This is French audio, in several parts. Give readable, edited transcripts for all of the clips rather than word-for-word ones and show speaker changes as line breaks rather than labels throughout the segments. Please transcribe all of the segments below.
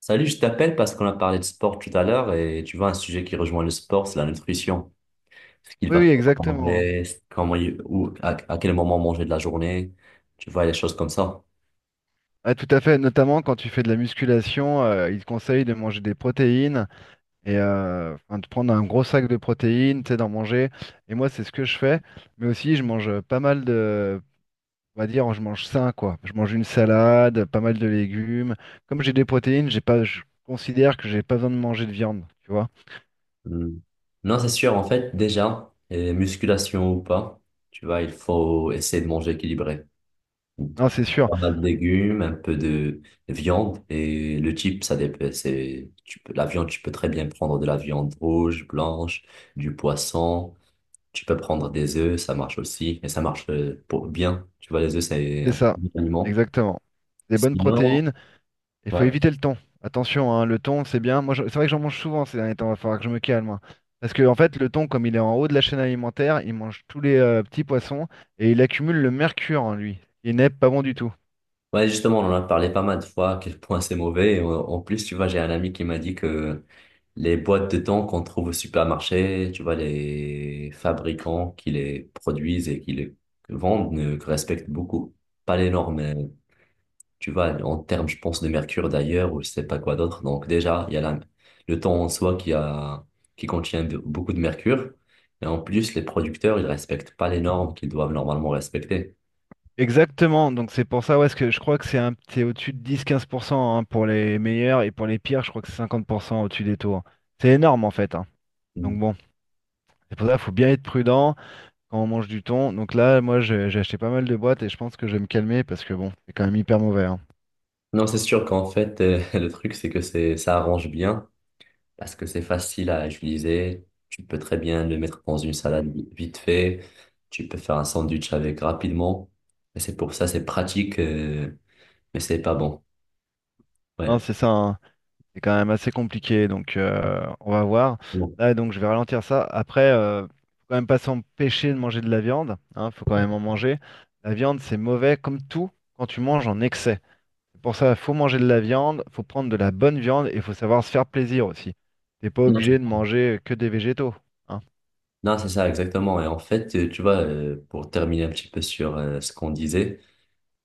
Salut, je t'appelle parce qu'on a parlé de sport tout à l'heure et tu vois, un sujet qui rejoint le sport, c'est la nutrition. Ce qu'il
Oui,
va
oui,
falloir
exactement.
manger, comment, ou à quel moment manger de la journée, tu vois, les choses comme ça.
Ah, tout à fait. Notamment quand tu fais de la musculation, il te conseille de manger des protéines et enfin, de prendre un gros sac de protéines, tu sais, d'en manger. Et moi, c'est ce que je fais. Mais aussi, je mange pas mal de, on va dire, je mange sain, quoi. Je mange une salade, pas mal de légumes. Comme j'ai des protéines, j'ai pas, je considère que j'ai pas besoin de manger de viande, tu vois.
Hmm. Non, c'est sûr, en fait, déjà, et musculation ou pas, tu vois, il faut essayer de manger équilibré.
Non, c'est sûr.
Pas mal de légumes, un peu de viande et le type, ça dépend. C'est, tu peux, la viande, tu peux très bien prendre de la viande rouge, blanche, du poisson. Tu peux prendre des œufs, ça marche aussi, mais ça marche pour bien. Tu vois, les œufs, c'est
C'est
un
ça.
bon aliment.
Exactement. Des bonnes
Sinon,
protéines. Il
ouais.
faut éviter le thon. Attention, hein, le thon, c'est bien. Moi, c'est vrai que j'en mange souvent ces derniers temps. Il va falloir que je me calme, hein. Parce que, en fait, le thon, comme il est en haut de la chaîne alimentaire, il mange tous les petits poissons et il accumule le mercure en lui. Il n'est pas bon du tout.
Ouais, justement, on en a parlé pas mal de fois, à quel point c'est mauvais. Et en plus, tu vois, j'ai un ami qui m'a dit que les boîtes de thon qu'on trouve au supermarché, tu vois, les fabricants qui les produisent et qui les vendent ne respectent beaucoup pas les normes tu vois, en termes, je pense, de mercure d'ailleurs, ou je sais pas quoi d'autre. Donc déjà, il y a le temps en soi qui a, qui contient beaucoup de mercure. Et en plus, les producteurs, ils respectent pas les normes qu'ils doivent normalement respecter.
Exactement. Donc, c'est pour ça, ouais, parce que je crois que c'est au-dessus de 10-15%, hein, pour les meilleurs et pour les pires, je crois que c'est 50% au-dessus des taux, hein. C'est énorme, en fait, hein. Donc,
Mm.
bon, c'est pour ça qu'il faut bien être prudent quand on mange du thon. Donc, là, moi, j'ai acheté pas mal de boîtes et je pense que je vais me calmer parce que, bon, c'est quand même hyper mauvais, hein.
Non, c'est sûr qu'en fait, le truc, c'est que c'est, ça arrange bien, parce que c'est facile à utiliser. Tu peux très bien le mettre dans une salade vite fait. Tu peux faire un sandwich avec rapidement. Et c'est pour ça, c'est pratique, mais c'est pas bon.
Hein,
Ouais.
c'est ça, hein. C'est quand même assez compliqué, donc on va voir. Là, donc je vais ralentir ça. Après, faut quand même pas s'empêcher de manger de la viande, hein, faut quand même en manger. La viande, c'est mauvais comme tout quand tu manges en excès. C'est Pour ça, faut manger de la viande, faut prendre de la bonne viande et faut savoir se faire plaisir aussi. T'es pas
Non,
obligé de manger que des végétaux, hein.
Non, c'est ça, exactement. Et en fait, tu vois, pour terminer un petit peu sur ce qu'on disait,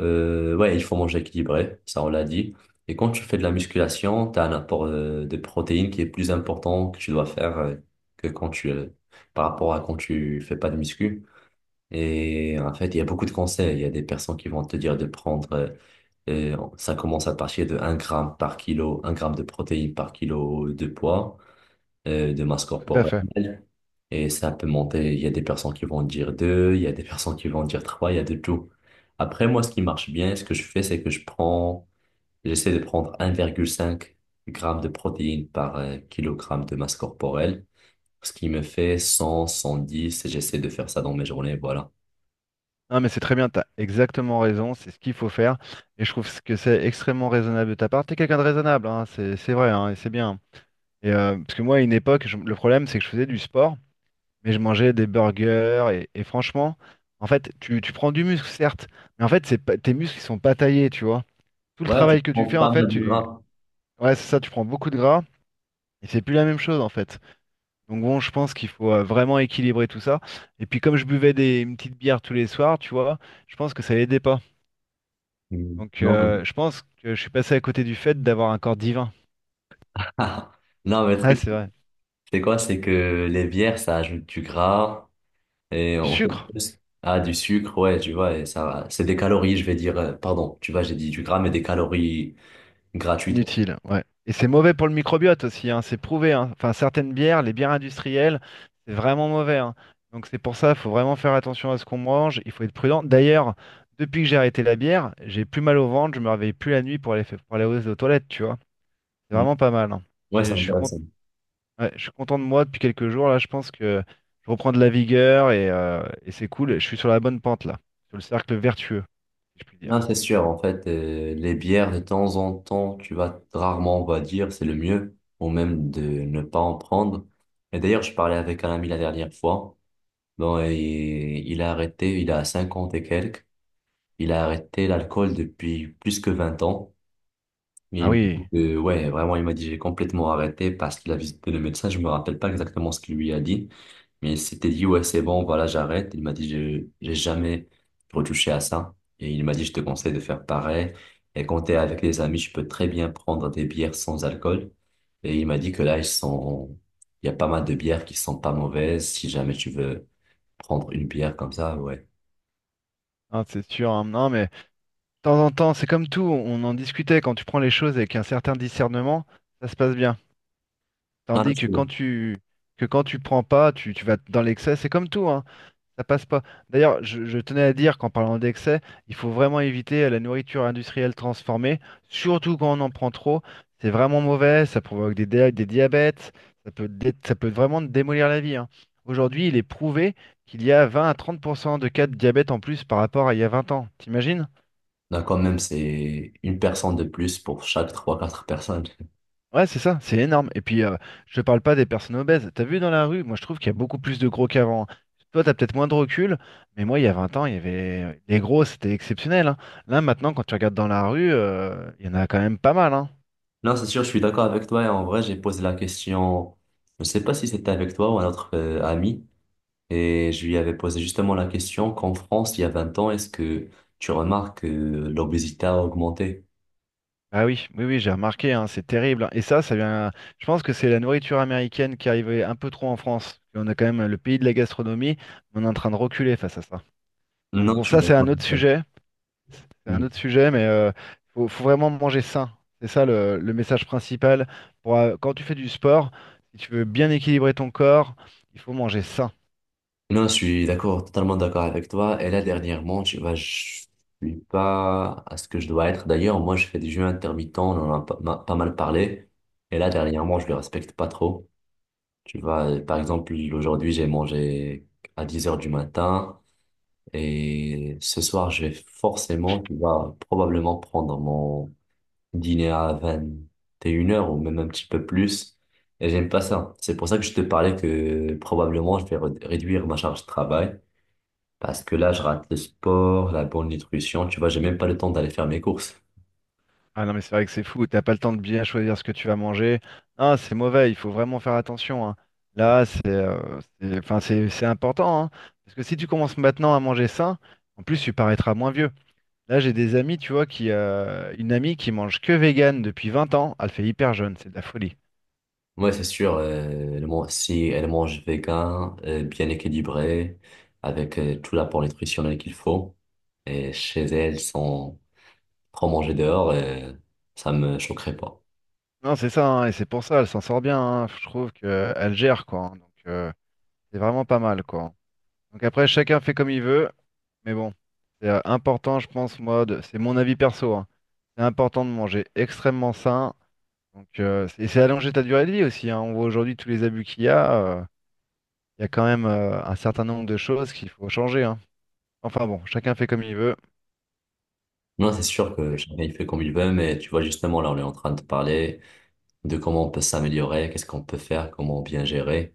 ouais, il faut manger équilibré, ça on l'a dit. Et quand tu fais de la musculation, tu as un apport de protéines qui est plus important que tu dois faire que quand tu, euh, par rapport à quand tu fais pas de muscu. Et en fait, il y a beaucoup de conseils. Il y a des personnes qui vont te dire de ça commence à partir de 1 gramme par kilo, 1 gramme de protéines par kilo de poids, de masse
Tout à fait.
corporelle. Et ça peut monter, il y a des personnes qui vont dire deux, il y a des personnes qui vont dire trois, il y a de tout. Après, moi, ce qui marche bien, ce que je fais, c'est que j'essaie de prendre 1,5 grammes de protéines par kilogramme de masse corporelle, ce qui me fait 100, 110, et j'essaie de faire ça dans mes journées, voilà.
Non, mais c'est très bien, t'as exactement raison, c'est ce qu'il faut faire. Et je trouve que c'est extrêmement raisonnable de ta part. T'es quelqu'un de raisonnable, hein, c'est vrai, hein, et c'est bien. Et, parce que moi, à une époque, le problème, c'est que je faisais du sport, mais je mangeais des burgers. Et franchement, en fait, tu prends du muscle, certes, mais en fait, c'est pas, tes muscles, ils sont pas taillés, tu vois. Tout le
Ouais, je
travail que tu
prends
fais, en
pas
fait,
mal de gras.
ouais, c'est ça, tu prends beaucoup de gras, et c'est plus la même chose, en fait. Donc bon, je pense qu'il faut vraiment équilibrer tout ça. Et puis, comme je buvais une petite bière tous les soirs, tu vois, je pense que ça aidait pas.
Mm.
Donc,
Non, non.
je pense que je suis passé à côté du fait d'avoir un corps divin.
Non, mais le
Ah,
truc,
c'est vrai.
c'est quoi? C'est que les bières, ça ajoute du gras. Et
Du
on fait
sucre.
plus ah, du sucre, ouais, tu vois, et ça, c'est des calories, je vais dire, pardon, tu vois, j'ai dit du gras, mais des calories gratuitement.
Inutile, ouais. Et c'est mauvais pour le microbiote aussi, hein, c'est prouvé, hein. Enfin, certaines bières, les bières industrielles, c'est vraiment mauvais, hein. Donc c'est pour ça, il faut vraiment faire attention à ce qu'on mange, il faut être prudent. D'ailleurs, depuis que j'ai arrêté la bière, j'ai plus mal au ventre, je me réveille plus la nuit pour pour aller aux toilettes, tu vois. C'est
Mm.
vraiment pas mal, hein.
Ouais, ça
J'ai- Je suis cont-
m'intéresse.
ouais, je suis content de moi depuis quelques jours, là, je pense que je reprends de la vigueur et c'est cool. Je suis sur la bonne pente, là, sur le cercle vertueux, si je puis dire.
Non, c'est sûr. En fait, les bières, de temps en temps, tu vas rarement, on va dire, c'est le mieux, ou même de ne pas en prendre. Et d'ailleurs, je parlais avec un ami la dernière fois. Bon, et il a arrêté, il a 50 et quelques. Il a arrêté l'alcool depuis plus que 20 ans. Et
Ah
il m'a dit
oui,
que, ouais, vraiment, il m'a dit, j'ai complètement arrêté parce qu'il a visité le médecin. Je me rappelle pas exactement ce qu'il lui a dit. Mais il s'était dit, ouais, c'est bon, voilà, j'arrête. Il m'a dit, j'ai jamais retouché à ça. Et il m'a dit, je te conseille de faire pareil. Et quand t'es avec les amis, tu peux très bien prendre des bières sans alcool. Et il m'a dit que là, ils sont, il y a pas mal de bières qui sont pas mauvaises. Si jamais tu veux prendre une bière comme ça, ouais.
hein, c'est sûr, hein. Non, mais, temps en temps, c'est comme tout, on en discutait, quand tu prends les choses avec un certain discernement, ça se passe bien.
Ah, non,
Tandis
je
que
trouve.
quand tu que quand tu prends pas, tu vas dans l'excès, c'est comme tout, hein, ça passe pas. D'ailleurs, je tenais à dire qu'en parlant d'excès, il faut vraiment éviter la nourriture industrielle transformée, surtout quand on en prend trop. C'est vraiment mauvais, ça provoque des diabètes, ça peut, ça peut vraiment te démolir la vie, hein. Aujourd'hui, il est prouvé qu'il y a 20 à 30% de cas de diabète en plus par rapport à il y a 20 ans. T'imagines?
Là, quand même, c'est une personne de plus pour chaque trois, quatre personnes.
Ouais, c'est ça, c'est énorme. Et puis, je te parle pas des personnes obèses. T'as vu dans la rue, moi je trouve qu'il y a beaucoup plus de gros qu'avant, hein. Toi, t'as peut-être moins de recul, mais moi, il y a 20 ans, il y avait les gros, c'était exceptionnel, hein. Là, maintenant, quand tu regardes dans la rue, il y en a quand même pas mal, hein.
Non, c'est sûr, je suis d'accord avec toi. Et en vrai, j'ai posé la question, je ne sais pas si c'était avec toi ou un autre ami. Et je lui avais posé justement la question qu'en France, il y a 20 ans, est-ce que tu remarques que l'obésité a augmenté?
Ah oui, oui, oui, j'ai remarqué, hein, c'est terrible, hein. Et ça vient. Je pense que c'est la nourriture américaine qui arrivait un peu trop en France. Et on a quand même le pays de la gastronomie, mais on est en train de reculer face à ça. Donc
Non,
bon,
je suis
ça, c'est
d'accord
un autre
avec.
sujet. C'est un
Mm.
autre sujet, mais faut vraiment manger sain. C'est ça le message principal. Pour, quand tu fais du sport, si tu veux bien équilibrer ton corps, il faut manger sain.
Non, je suis d'accord, totalement d'accord avec toi. Et là, dernièrement, tu vois, je suis pas à ce que je dois être. D'ailleurs, moi, je fais des jeûnes intermittents, on en a pas, pas mal parlé. Et là, dernièrement, je le respecte pas trop. Tu vois, par exemple, aujourd'hui, j'ai mangé à 10 heures du matin. Et ce soir, je vais forcément, tu vois, probablement prendre mon dîner à 21 heures ou même un petit peu plus. Et j'aime pas ça. C'est pour ça que je te parlais que probablement je vais réduire ma charge de travail parce que là, je rate le sport, la bonne nutrition. Tu vois, j'ai même pas le temps d'aller faire mes courses.
Ah non, mais c'est vrai que c'est fou, t'as pas le temps de bien choisir ce que tu vas manger. Ah, c'est mauvais, il faut vraiment faire attention, hein. Là, c'est enfin, c'est important, hein. Parce que si tu commences maintenant à manger sain, en plus, tu paraîtras moins vieux. Là, j'ai des amis, tu vois, une amie qui mange que vegan depuis 20 ans, elle fait hyper jeune, c'est de la folie.
Ouais, c'est sûr. Si elle mange vegan, bien équilibré, avec tout l'apport nutritionnel qu'il faut, et chez elle sans trop manger dehors, ça me choquerait pas.
Non, c'est ça, hein, et c'est pour ça, elle s'en sort bien, hein, je trouve qu'elle gère, quoi, hein, donc, c'est vraiment pas mal, quoi. Donc après, chacun fait comme il veut, mais bon, c'est important, je pense, moi, c'est mon avis perso, hein, c'est important de manger extrêmement sain. Donc, et c'est allonger ta durée de vie aussi, hein, on voit aujourd'hui tous les abus qu'il y a, il y a quand même un certain nombre de choses qu'il faut changer, hein. Enfin bon, chacun fait comme il veut.
Non, c'est sûr que
Et-
chacun il fait comme il veut, mais tu vois, justement, là, on est en train de parler de comment on peut s'améliorer, qu'est-ce qu'on peut faire, comment bien gérer.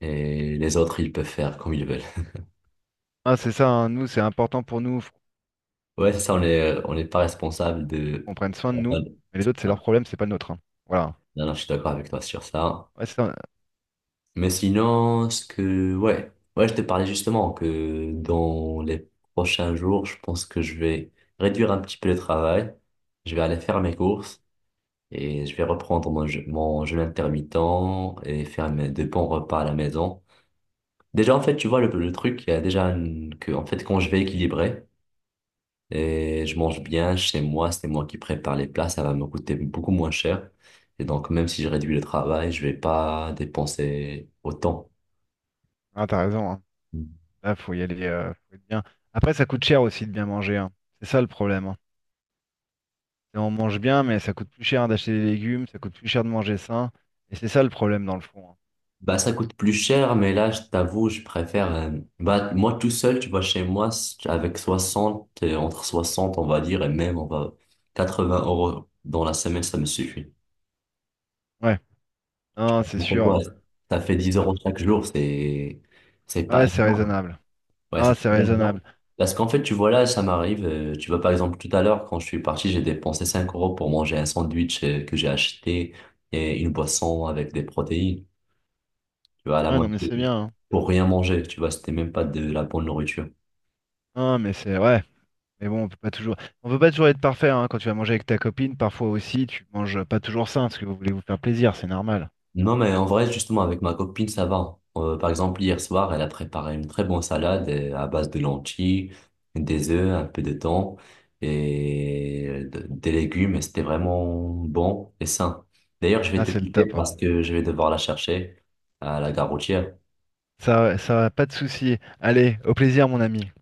Et les autres, ils peuvent faire comme ils veulent.
Ah, c'est ça, hein, nous, c'est important pour nous, faut
Ouais, c'est ça, on n'est pas responsable de...
qu'on prenne soin de
enfin,
nous, mais les autres, c'est leur
non,
problème, c'est pas le nôtre, hein. Voilà.
non, je suis d'accord avec toi sur ça.
Ouais, c'est ça,
Mais sinon, ce que... Ouais, ouais, je te parlais justement que dans les prochains jours, je pense que je vais réduire un petit peu le travail. Je vais aller faire mes courses et je vais reprendre mon jeûne intermittent et faire mes deux bons repas à la maison. Déjà, en fait, tu vois, le truc, il y a déjà que, en fait, quand je vais équilibrer et je mange bien chez moi, c'est moi qui prépare les plats, ça va me coûter beaucoup moins cher. Et donc, même si je réduis le travail, je vais pas dépenser autant.
ah, t'as raison, hein.
Mm.
Là, faut y aller, faut être bien. Après, ça coûte cher aussi de bien manger, hein. C'est ça le problème, hein. C'est On mange bien, mais ça coûte plus cher d'acheter des légumes, ça coûte plus cher de manger sain. Et c'est ça le problème dans le fond, hein.
Bah, ça coûte plus cher, mais là, je t'avoue, je préfère, bah, moi tout seul, tu vois, chez moi, avec 60, entre 60, on va dire, et même, on va, 80 euros dans la semaine, ça me suffit.
Ouais,
Tu
non,
vois,
c'est
ça fait quoi?
sûr.
Ça fait 10 euros
Après-
chaque jour, c'est pas
Ouais, c'est
énorme.
raisonnable.
Ouais,
Ah,
ça
c'est
fait longtemps.
raisonnable.
Parce qu'en fait, tu vois, là, ça m'arrive. Tu vois, par exemple, tout à l'heure, quand je suis parti, j'ai dépensé 5 euros pour manger un sandwich que j'ai acheté et une boisson avec des protéines. Tu vois, à la
Ouais, non, mais
moitié.
c'est bien, hein.
Pour rien manger. Tu vois, c'était même pas de la bonne nourriture.
Non, mais c'est ouais. Mais bon, on peut pas toujours être parfait, hein. Quand tu vas manger avec ta copine, parfois aussi, tu manges pas toujours sain parce que vous voulez vous faire plaisir, c'est normal.
Non, mais en vrai, justement, avec ma copine, ça va. Par exemple, hier soir, elle a préparé une très bonne salade à base de lentilles, des œufs, un peu de thon et des légumes. Et c'était vraiment bon et sain. D'ailleurs, je vais
Ah,
te
c'est le
quitter
top, hein.
parce que je vais devoir la chercher à la gare routière.
Ça, pas de souci. Allez, au plaisir, mon ami.